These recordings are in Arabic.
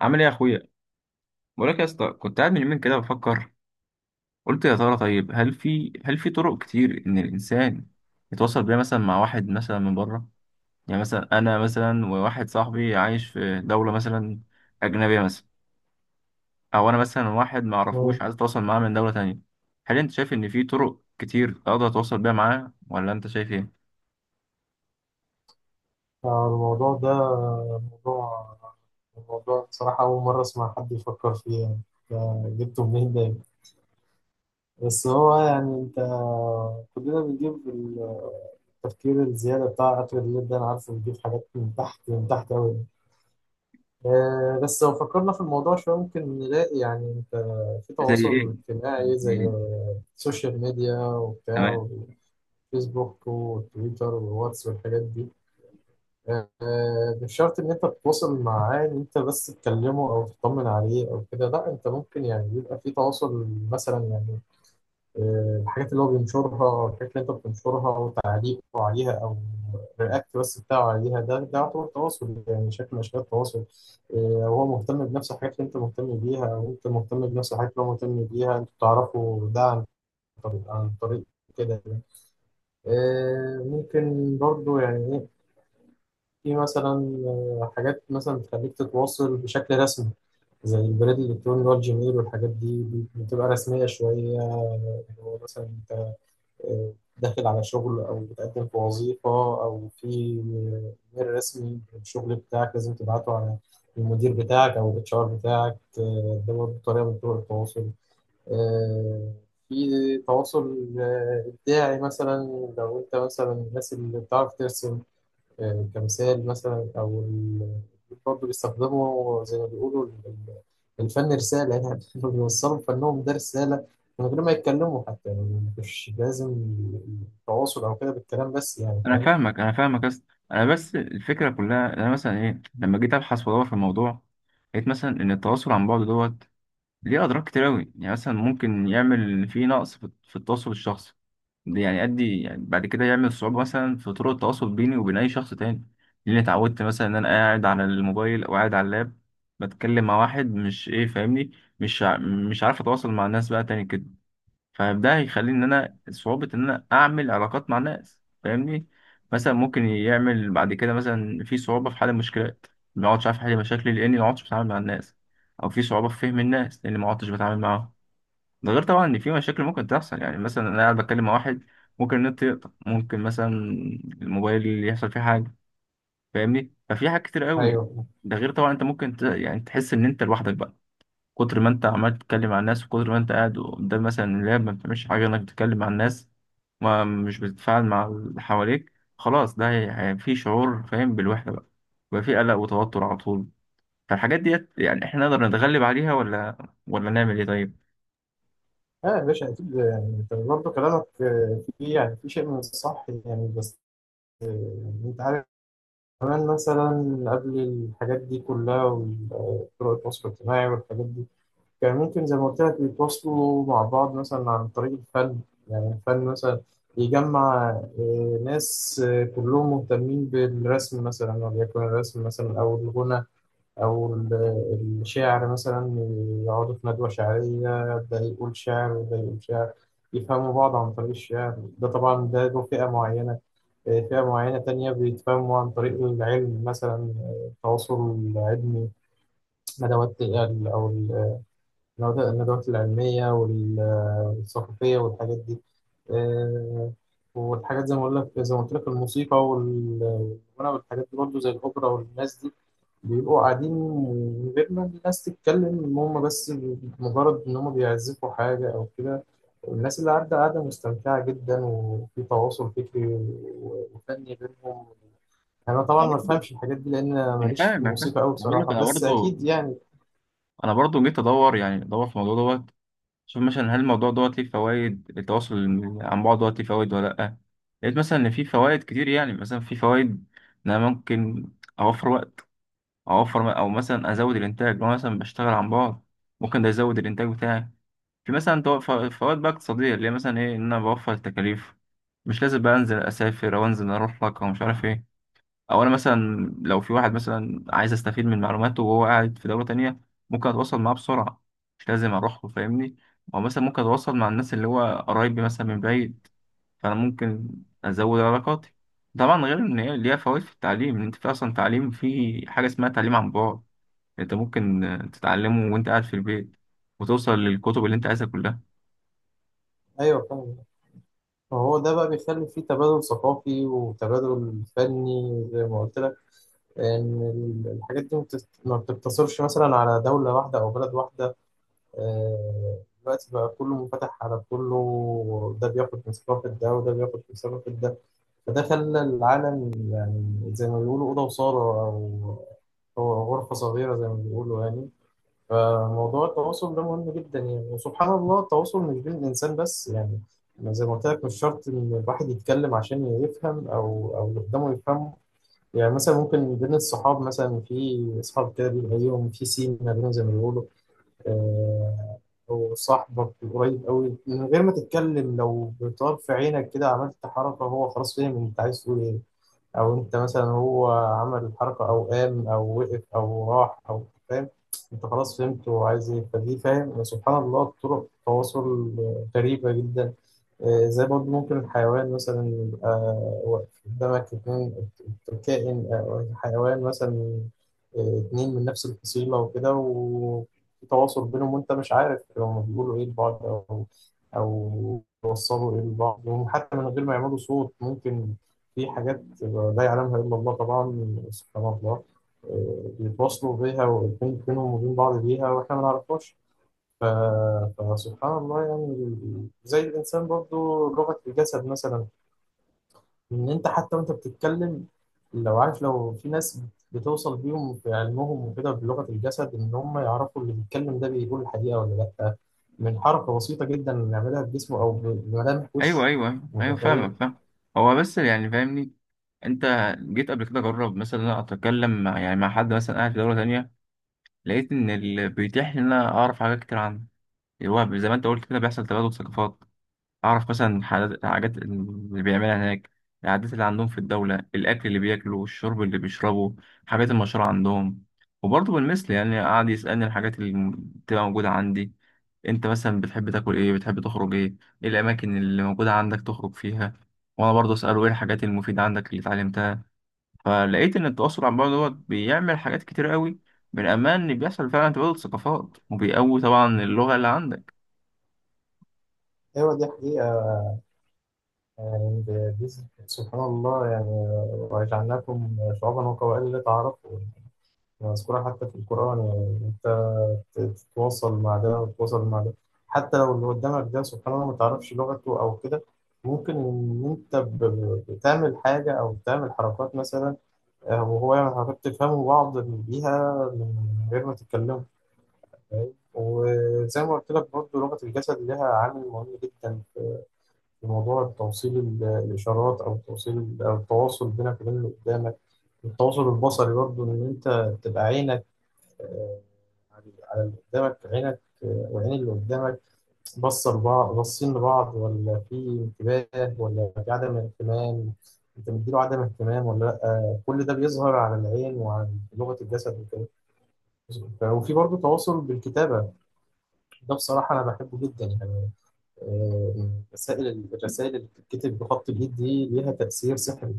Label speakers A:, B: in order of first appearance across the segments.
A: عامل ايه يا اخويا؟ بقول لك يا اسطى، كنت قاعد من يومين كده بفكر. قلت يا ترى طيب، هل في طرق كتير ان الانسان يتواصل بيها مثلا مع واحد مثلا من بره؟ يعني مثلا انا، مثلا وواحد صاحبي عايش في دوله مثلا اجنبيه مثلا، او انا مثلا واحد ما
B: مم.
A: اعرفوش عايز اتواصل معاه من دوله تانية. هل انت شايف ان في طرق كتير اقدر اتواصل بيها معاه، ولا انت شايف ايه؟
B: الموضوع ده موضوع الموضوع بصراحة أول مرة أسمع حد يفكر فيه، يعني ده جبته منين ده؟ بس هو يعني، كلنا بنجيب التفكير الزيادة بتاع آخر الليل ده، أنا عارفه بيجيب حاجات من تحت، من تحت أوي. بس لو فكرنا في الموضوع شوية ممكن نلاقي، يعني في
A: زي ايه؟
B: تواصل اجتماعي
A: زي
B: زي
A: إيه،
B: السوشيال ميديا
A: تمام.
B: وبتاع، والفيسبوك والتويتر والواتس والحاجات دي. مش شرط ان انت تتواصل معاه ان انت بس تكلمه او تطمن عليه او كده، لا انت ممكن يعني يبقى في تواصل مثلا يعني. الحاجات اللي هو بينشرها او الحاجات اللي انت بتنشرها او تعليقه عليها او الرياكت بس بتاعه عليها، ده يعتبر تواصل، يعني شكل من اشكال التواصل. آه، وهو مهتم بنفس الحاجات اللي انت مهتم بيها او انت مهتم بنفس الحاجات اللي هو مهتم بيها، انتوا بتعرفوا ده عن طريق كده يعني. ممكن برضو يعني إيه، في مثلا حاجات مثلا بتخليك تتواصل بشكل رسمي، زي البريد الإلكتروني اللي هو الجيميل والحاجات دي، بتبقى رسمية شوية. اللي هو مثلا أنت آه، داخل على شغل أو بتقدم في وظيفة، أو في ميل رسمي الشغل بتاعك لازم تبعته على المدير بتاعك أو الاتش ار بتاعك. ده برضه طريقة من طرق التواصل. آه، في تواصل إبداعي مثلا، لو أنت مثلا الناس اللي بتعرف ترسم كمثال مثلا، أو برضه بيستخدموا زي ما بيقولوا الفن رسالة، يعني إنه بيوصلوا فنهم ده رسالة من غير ما يتكلموا حتى، يعني مش لازم التواصل أو كده بالكلام بس، يعني
A: انا
B: فاهم؟
A: فاهمك انا فاهمك بس، انا بس الفكره كلها إن انا مثلا ايه، لما جيت ابحث وادور في الموضوع لقيت مثلا ان التواصل عن بعد دوت ليه اضرار كتير قوي. يعني مثلا ممكن يعمل فيه نقص في التواصل الشخصي، ده يعني يؤدي يعني بعد كده يعمل صعوبه مثلا في طرق التواصل بيني وبين اي شخص تاني، لاني اتعودت مثلا ان انا قاعد على الموبايل او قاعد على اللاب بتكلم مع واحد مش ايه، فاهمني؟ مش عارف اتواصل مع الناس بقى تاني كده. فده هيخلي ان انا صعوبة ان انا اعمل علاقات مع الناس، فاهمني؟ مثلا ممكن يعمل بعد كده مثلا في صعوبة في حل المشكلات، ما اقعدش عارف احل مشاكلي لاني ما اقعدش بتعامل مع الناس، او في صعوبة في فهم الناس لاني ما اقعدش بتعامل معاهم. ده غير طبعا ان في مشاكل ممكن تحصل، يعني مثلا انا قاعد بتكلم مع واحد ممكن النت يقطع، ممكن مثلا الموبايل اللي يحصل فيه حاجة، فاهمني؟ ففي حاجات كتير قوي.
B: أيوه،
A: ده غير طبعا انت ممكن يعني تحس ان انت لوحدك بقى. كتر ما انت عمال تتكلم مع الناس، وكتر ما انت قاعد قدام مثلا اللاب ما بتعملش حاجه انك تتكلم مع الناس، ما مش بتتفاعل مع اللي حواليك، خلاص ده في شعور فاهم بالوحده بقى، بقى في قلق وتوتر على طول. فالحاجات ديت يعني احنا نقدر نتغلب عليها، ولا ولا نعمل ايه طيب؟
B: اه يا باشا أكيد، يعني أنت برضه كلامك فيه يعني، في شيء من الصح يعني. بس آه، يعني أنت عارف، كمان مثلا قبل الحاجات دي كلها وطرق التواصل الاجتماعي والحاجات دي، كان ممكن زي ما قلت لك يتواصلوا مع بعض مثلا عن طريق الفن. يعني الفن مثلا يجمع ناس كلهم مهتمين بالرسم مثلا، وليكن الرسم مثلا، أو الغنى، أو الشعر مثلا. يقعدوا في ندوة شعرية، ده يقول شعر وده يقول شعر، يفهموا بعض عن طريق الشعر. ده طبعا ده له فئة معينة. فئة معينة تانية بيتفهموا عن طريق العلم مثلا، التواصل العلمي، ندوات أو الندوات العلمية والثقافية والحاجات دي. آه، والحاجات زي ما أقول لك، زي ما قلت لك، الموسيقى والغنى والحاجات دي برضه، زي الأوبرا والناس دي بيبقوا قاعدين من غير ما الناس تتكلم، إن هم بس مجرد إن هم بيعزفوا حاجة أو كده، الناس اللي قاعدة مستمتعة جدا، وفي تواصل فكري وفني بينهم. أنا طبعا
A: انا
B: ما
A: برضو،
B: بفهمش الحاجات دي لأن أنا
A: انا
B: ماليش في
A: فاهم انا فاهم
B: الموسيقى أوي
A: انا بقول لك،
B: بصراحة،
A: انا
B: بس
A: برضو
B: أكيد يعني.
A: انا برضو جيت ادور يعني ادور في الموضوع دوت، شوف مثلا هل الموضوع دوت ليه فوائد، التواصل عن بعد دوت ليه فوائد ولا لأ. لقيت مثلا إن في فوائد كتير. يعني مثلا في فوائد إن أنا ممكن أوفر وقت، أوفر أو مثلا أزود الإنتاج. لو أنا مثلا بشتغل عن بعد ممكن ده يزود الإنتاج بتاعي. في مثلا فوائد بقى اقتصادية اللي هي مثلا إيه، إن أنا بوفر التكاليف، مش لازم بقى أنزل أسافر أو أنزل أروح لك أو مش عارف إيه. او انا مثلا لو في واحد مثلا عايز استفيد من معلوماته وهو قاعد في دولة تانية، ممكن اتواصل معاه بسرعة، مش لازم اروح له، فاهمني؟ او مثلا ممكن اتواصل مع الناس اللي هو قرايبي مثلا من بعيد، فانا ممكن ازود علاقاتي. طبعا غير ان هي ليها فوائد في التعليم، ان انت في اصلا تعليم في حاجة اسمها تعليم عن بعد، انت ممكن تتعلمه وانت قاعد في البيت، وتوصل للكتب اللي انت عايزها كلها.
B: أيوه فاهم. فهو ده بقى بيخلي فيه تبادل ثقافي وتبادل فني زي ما قلت لك، ان الحاجات دي ما بتست-، ما بتقتصرش مثلا على دولة واحدة او بلد واحدة. دلوقتي بقى كله منفتح على كله، ده بياخد من ثقافة ده وده بياخد من ثقافة ده. فده خلى العالم، يعني زي ما بيقولوا، أوضة وصالة، أو أو غرفة صغيرة زي ما بيقولوا يعني. فموضوع التواصل ده مهم جدا يعني، وسبحان الله التواصل مش بين الإنسان بس يعني. أنا زي ما قلت لك مش شرط إن الواحد يتكلم عشان يفهم، أو اللي قدامه يفهمه. يعني مثلا ممكن بين الصحاب مثلا، في أصحاب كده بيبقى ليهم في سين ما بينهم زي ما بيقولوا. آه، وصاحبك قريب قوي، من غير ما تتكلم لو بطرف عينك كده عملت حركة، هو خلاص فاهم أنت عايز تقول إيه. او انت مثلا هو عمل الحركه او قام او وقف او راح او فاهم، انت خلاص فهمت هو عايز ايه. فدي فاهم، سبحان الله، طرق تواصل غريبه جدا. زي برضه ممكن الحيوان مثلا يبقى واقف قدامك، اتنين كائن أو حيوان مثلا، اتنين من نفس الفصيلة وكده، وفي تواصل بينهم وأنت مش عارف هما بيقولوا إيه لبعض، أو أو بيوصلوا إيه لبعض، وحتى من غير ما يعملوا صوت، ممكن في حاجات لا يعلمها إلا الله طبعا، سبحان الله، بيتواصلوا بيها بينهم وبين بعض بيها وإحنا ما نعرفهاش. ف- فسبحان الله يعني، زي الإنسان برضو لغة الجسد مثلا، إن أنت حتى وأنت بتتكلم، لو عارف، لو في ناس بتوصل بيهم في علمهم وكده بلغة الجسد، إن هم يعرفوا اللي بيتكلم ده بيقول الحقيقة ولا لأ، من حركة بسيطة جدا بنعملها بجسمه أو بملامح
A: ايوه
B: وشه،
A: ايوه ايوه
B: متخيل؟
A: فاهمك، فاهم. هو بس يعني فاهمني، انت جيت قبل كده جرب مثلا إن انا اتكلم مع يعني مع حد مثلا قاعد في دوله تانية، لقيت ان اللي بيتيح لي ان انا اعرف حاجات كتير عنه الوهب، زي ما انت قلت كده بيحصل تبادل ثقافات. اعرف مثلا حاجات، اللي بيعملها هناك، العادات اللي عندهم في الدوله، الاكل اللي بياكلوا والشرب اللي بيشربوا، حاجات المشهوره عندهم. وبرضه بالمثل يعني قعد يسالني الحاجات اللي بتبقى موجوده عندي، انت مثلا بتحب تاكل ايه، بتحب تخرج ايه، ايه الاماكن اللي موجوده عندك تخرج فيها. وانا برضه اساله ايه الحاجات المفيده عندك اللي اتعلمتها. فلقيت ان التواصل عن بعد دوت بيعمل حاجات كتير قوي، من امان ان بيحصل فعلا تبادل ثقافات، وبيقوي طبعا اللغه اللي عندك.
B: أيوة دي حقيقة، يعني دي، سبحان الله يعني. وجعلناكم شعوبا وقبائل لتعارفوا، مذكورة حتى في القرآن، يعني أنت تتواصل مع ده وتتواصل مع ده، حتى لو اللي قدامك ده سبحان الله ما تعرفش لغته أو كده، ممكن إن أنت بتعمل حاجة أو بتعمل حركات مثلا، وهو يعمل حركات تفهموا بعض بيها من غير ما تتكلموا، فاهم؟ وزي ما قلت لك برضه لغة الجسد لها عامل مهم جدا في موضوع توصيل الإشارات، أو توصيل أو التواصل بينك وبين اللي قدامك. التواصل البصري برضه، إن أنت تبقى عينك آه، على اللي قدامك، عينك والعين اللي قدامك بصوا لبعض، باصين لبعض، ولا في انتباه، ولا في عدم اهتمام. انت مديله عدم اهتمام ولا لا، كل ده بيظهر على العين وعلى لغة الجسد وكده. وفي برضه تواصل بالكتابة، ده بصراحة أنا بحبه جدا يعني. مسائل الرسائل اللي بتتكتب بخط الإيد دي ليها تأثير سحري.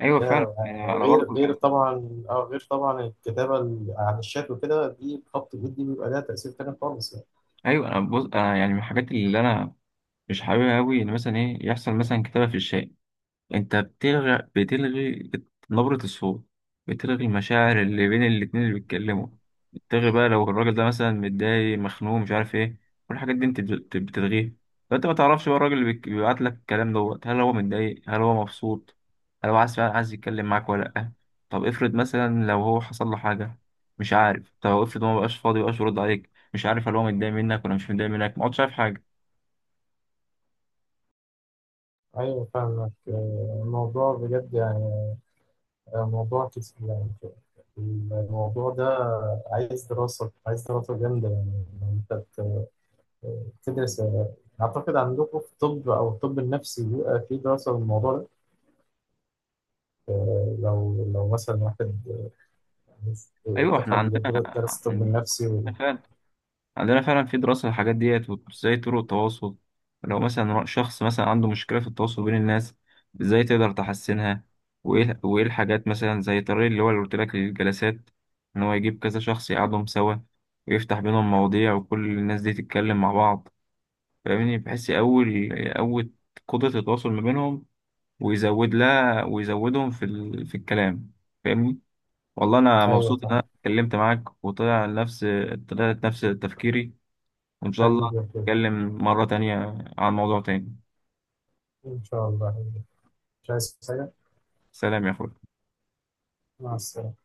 A: ايوه فعلا،
B: لا، يعني
A: انا
B: غير
A: برضه
B: غير
A: يعني.
B: طبعا، غير طبعا الكتابة عن الشات وكده، دي بخط الإيد دي بيبقى لها تأثير تاني خالص يعني.
A: ايوه انا بص، انا يعني من الحاجات اللي انا مش حاببها قوي ان مثلا ايه يحصل مثلا كتابه في الشارع، انت نبرة الصوت، بتلغي المشاعر اللي بين الاتنين اللي بيتكلموا، بتلغي بقى لو الراجل ده مثلا متضايق مخنوق مش عارف ايه، كل الحاجات دي انت بتلغيها. فانت ما تعرفش بقى الراجل اللي بيبعت لك الكلام دوت، هل هو متضايق، هل هو مبسوط، هل هو عايز فعلا عايز يتكلم معاك ولا لأ. طب افرض مثلا لو هو حصل له حاجة مش عارف، طب افرض هو مبقاش فاضي مبقاش يرد عليك، مش عارف هل هو متضايق منك ولا مش متضايق منك، ما عادش عارف حاجة.
B: أيوة فاهمك. الموضوع بجد يعني، موضوع كتير يعني، الموضوع ده عايز دراسة، عايز دراسة جامدة يعني، إن أنت تدرس. أعتقد عندكم في الطب أو الطب النفسي بيبقى في دراسة للموضوع ده. لو مثلا واحد
A: ايوه احنا
B: دخل
A: عندنا،
B: درس الطب
A: عندنا
B: النفسي
A: فعلا عندنا فعلا في دراسة للحاجات ديت، وازاي طرق التواصل لو مثلا شخص مثلا عنده مشكلة في التواصل بين الناس، ازاي تقدر تحسنها. وايه الحاجات مثلا زي الطريق اللي هو اللي قلت لك للجلسات، ان هو يجيب كذا شخص يقعدهم سوا ويفتح بينهم مواضيع وكل الناس دي تتكلم مع بعض، فاهمني؟ بحيث يقوي، يقوي قدرة التواصل ما بينهم، ويزود لها ويزودهم في في الكلام، فاهمني؟ والله انا
B: أيوة
A: مبسوط ان انا
B: فاهم.
A: اتكلمت معاك وطلع نفس، طلعت نفس تفكيري، وإن شاء الله
B: حبيبي،
A: نتكلم مرة تانية عن موضوع تاني.
B: إن شاء الله. مش عايز حاجة.
A: سلام يا أخوي.
B: مع السلامة.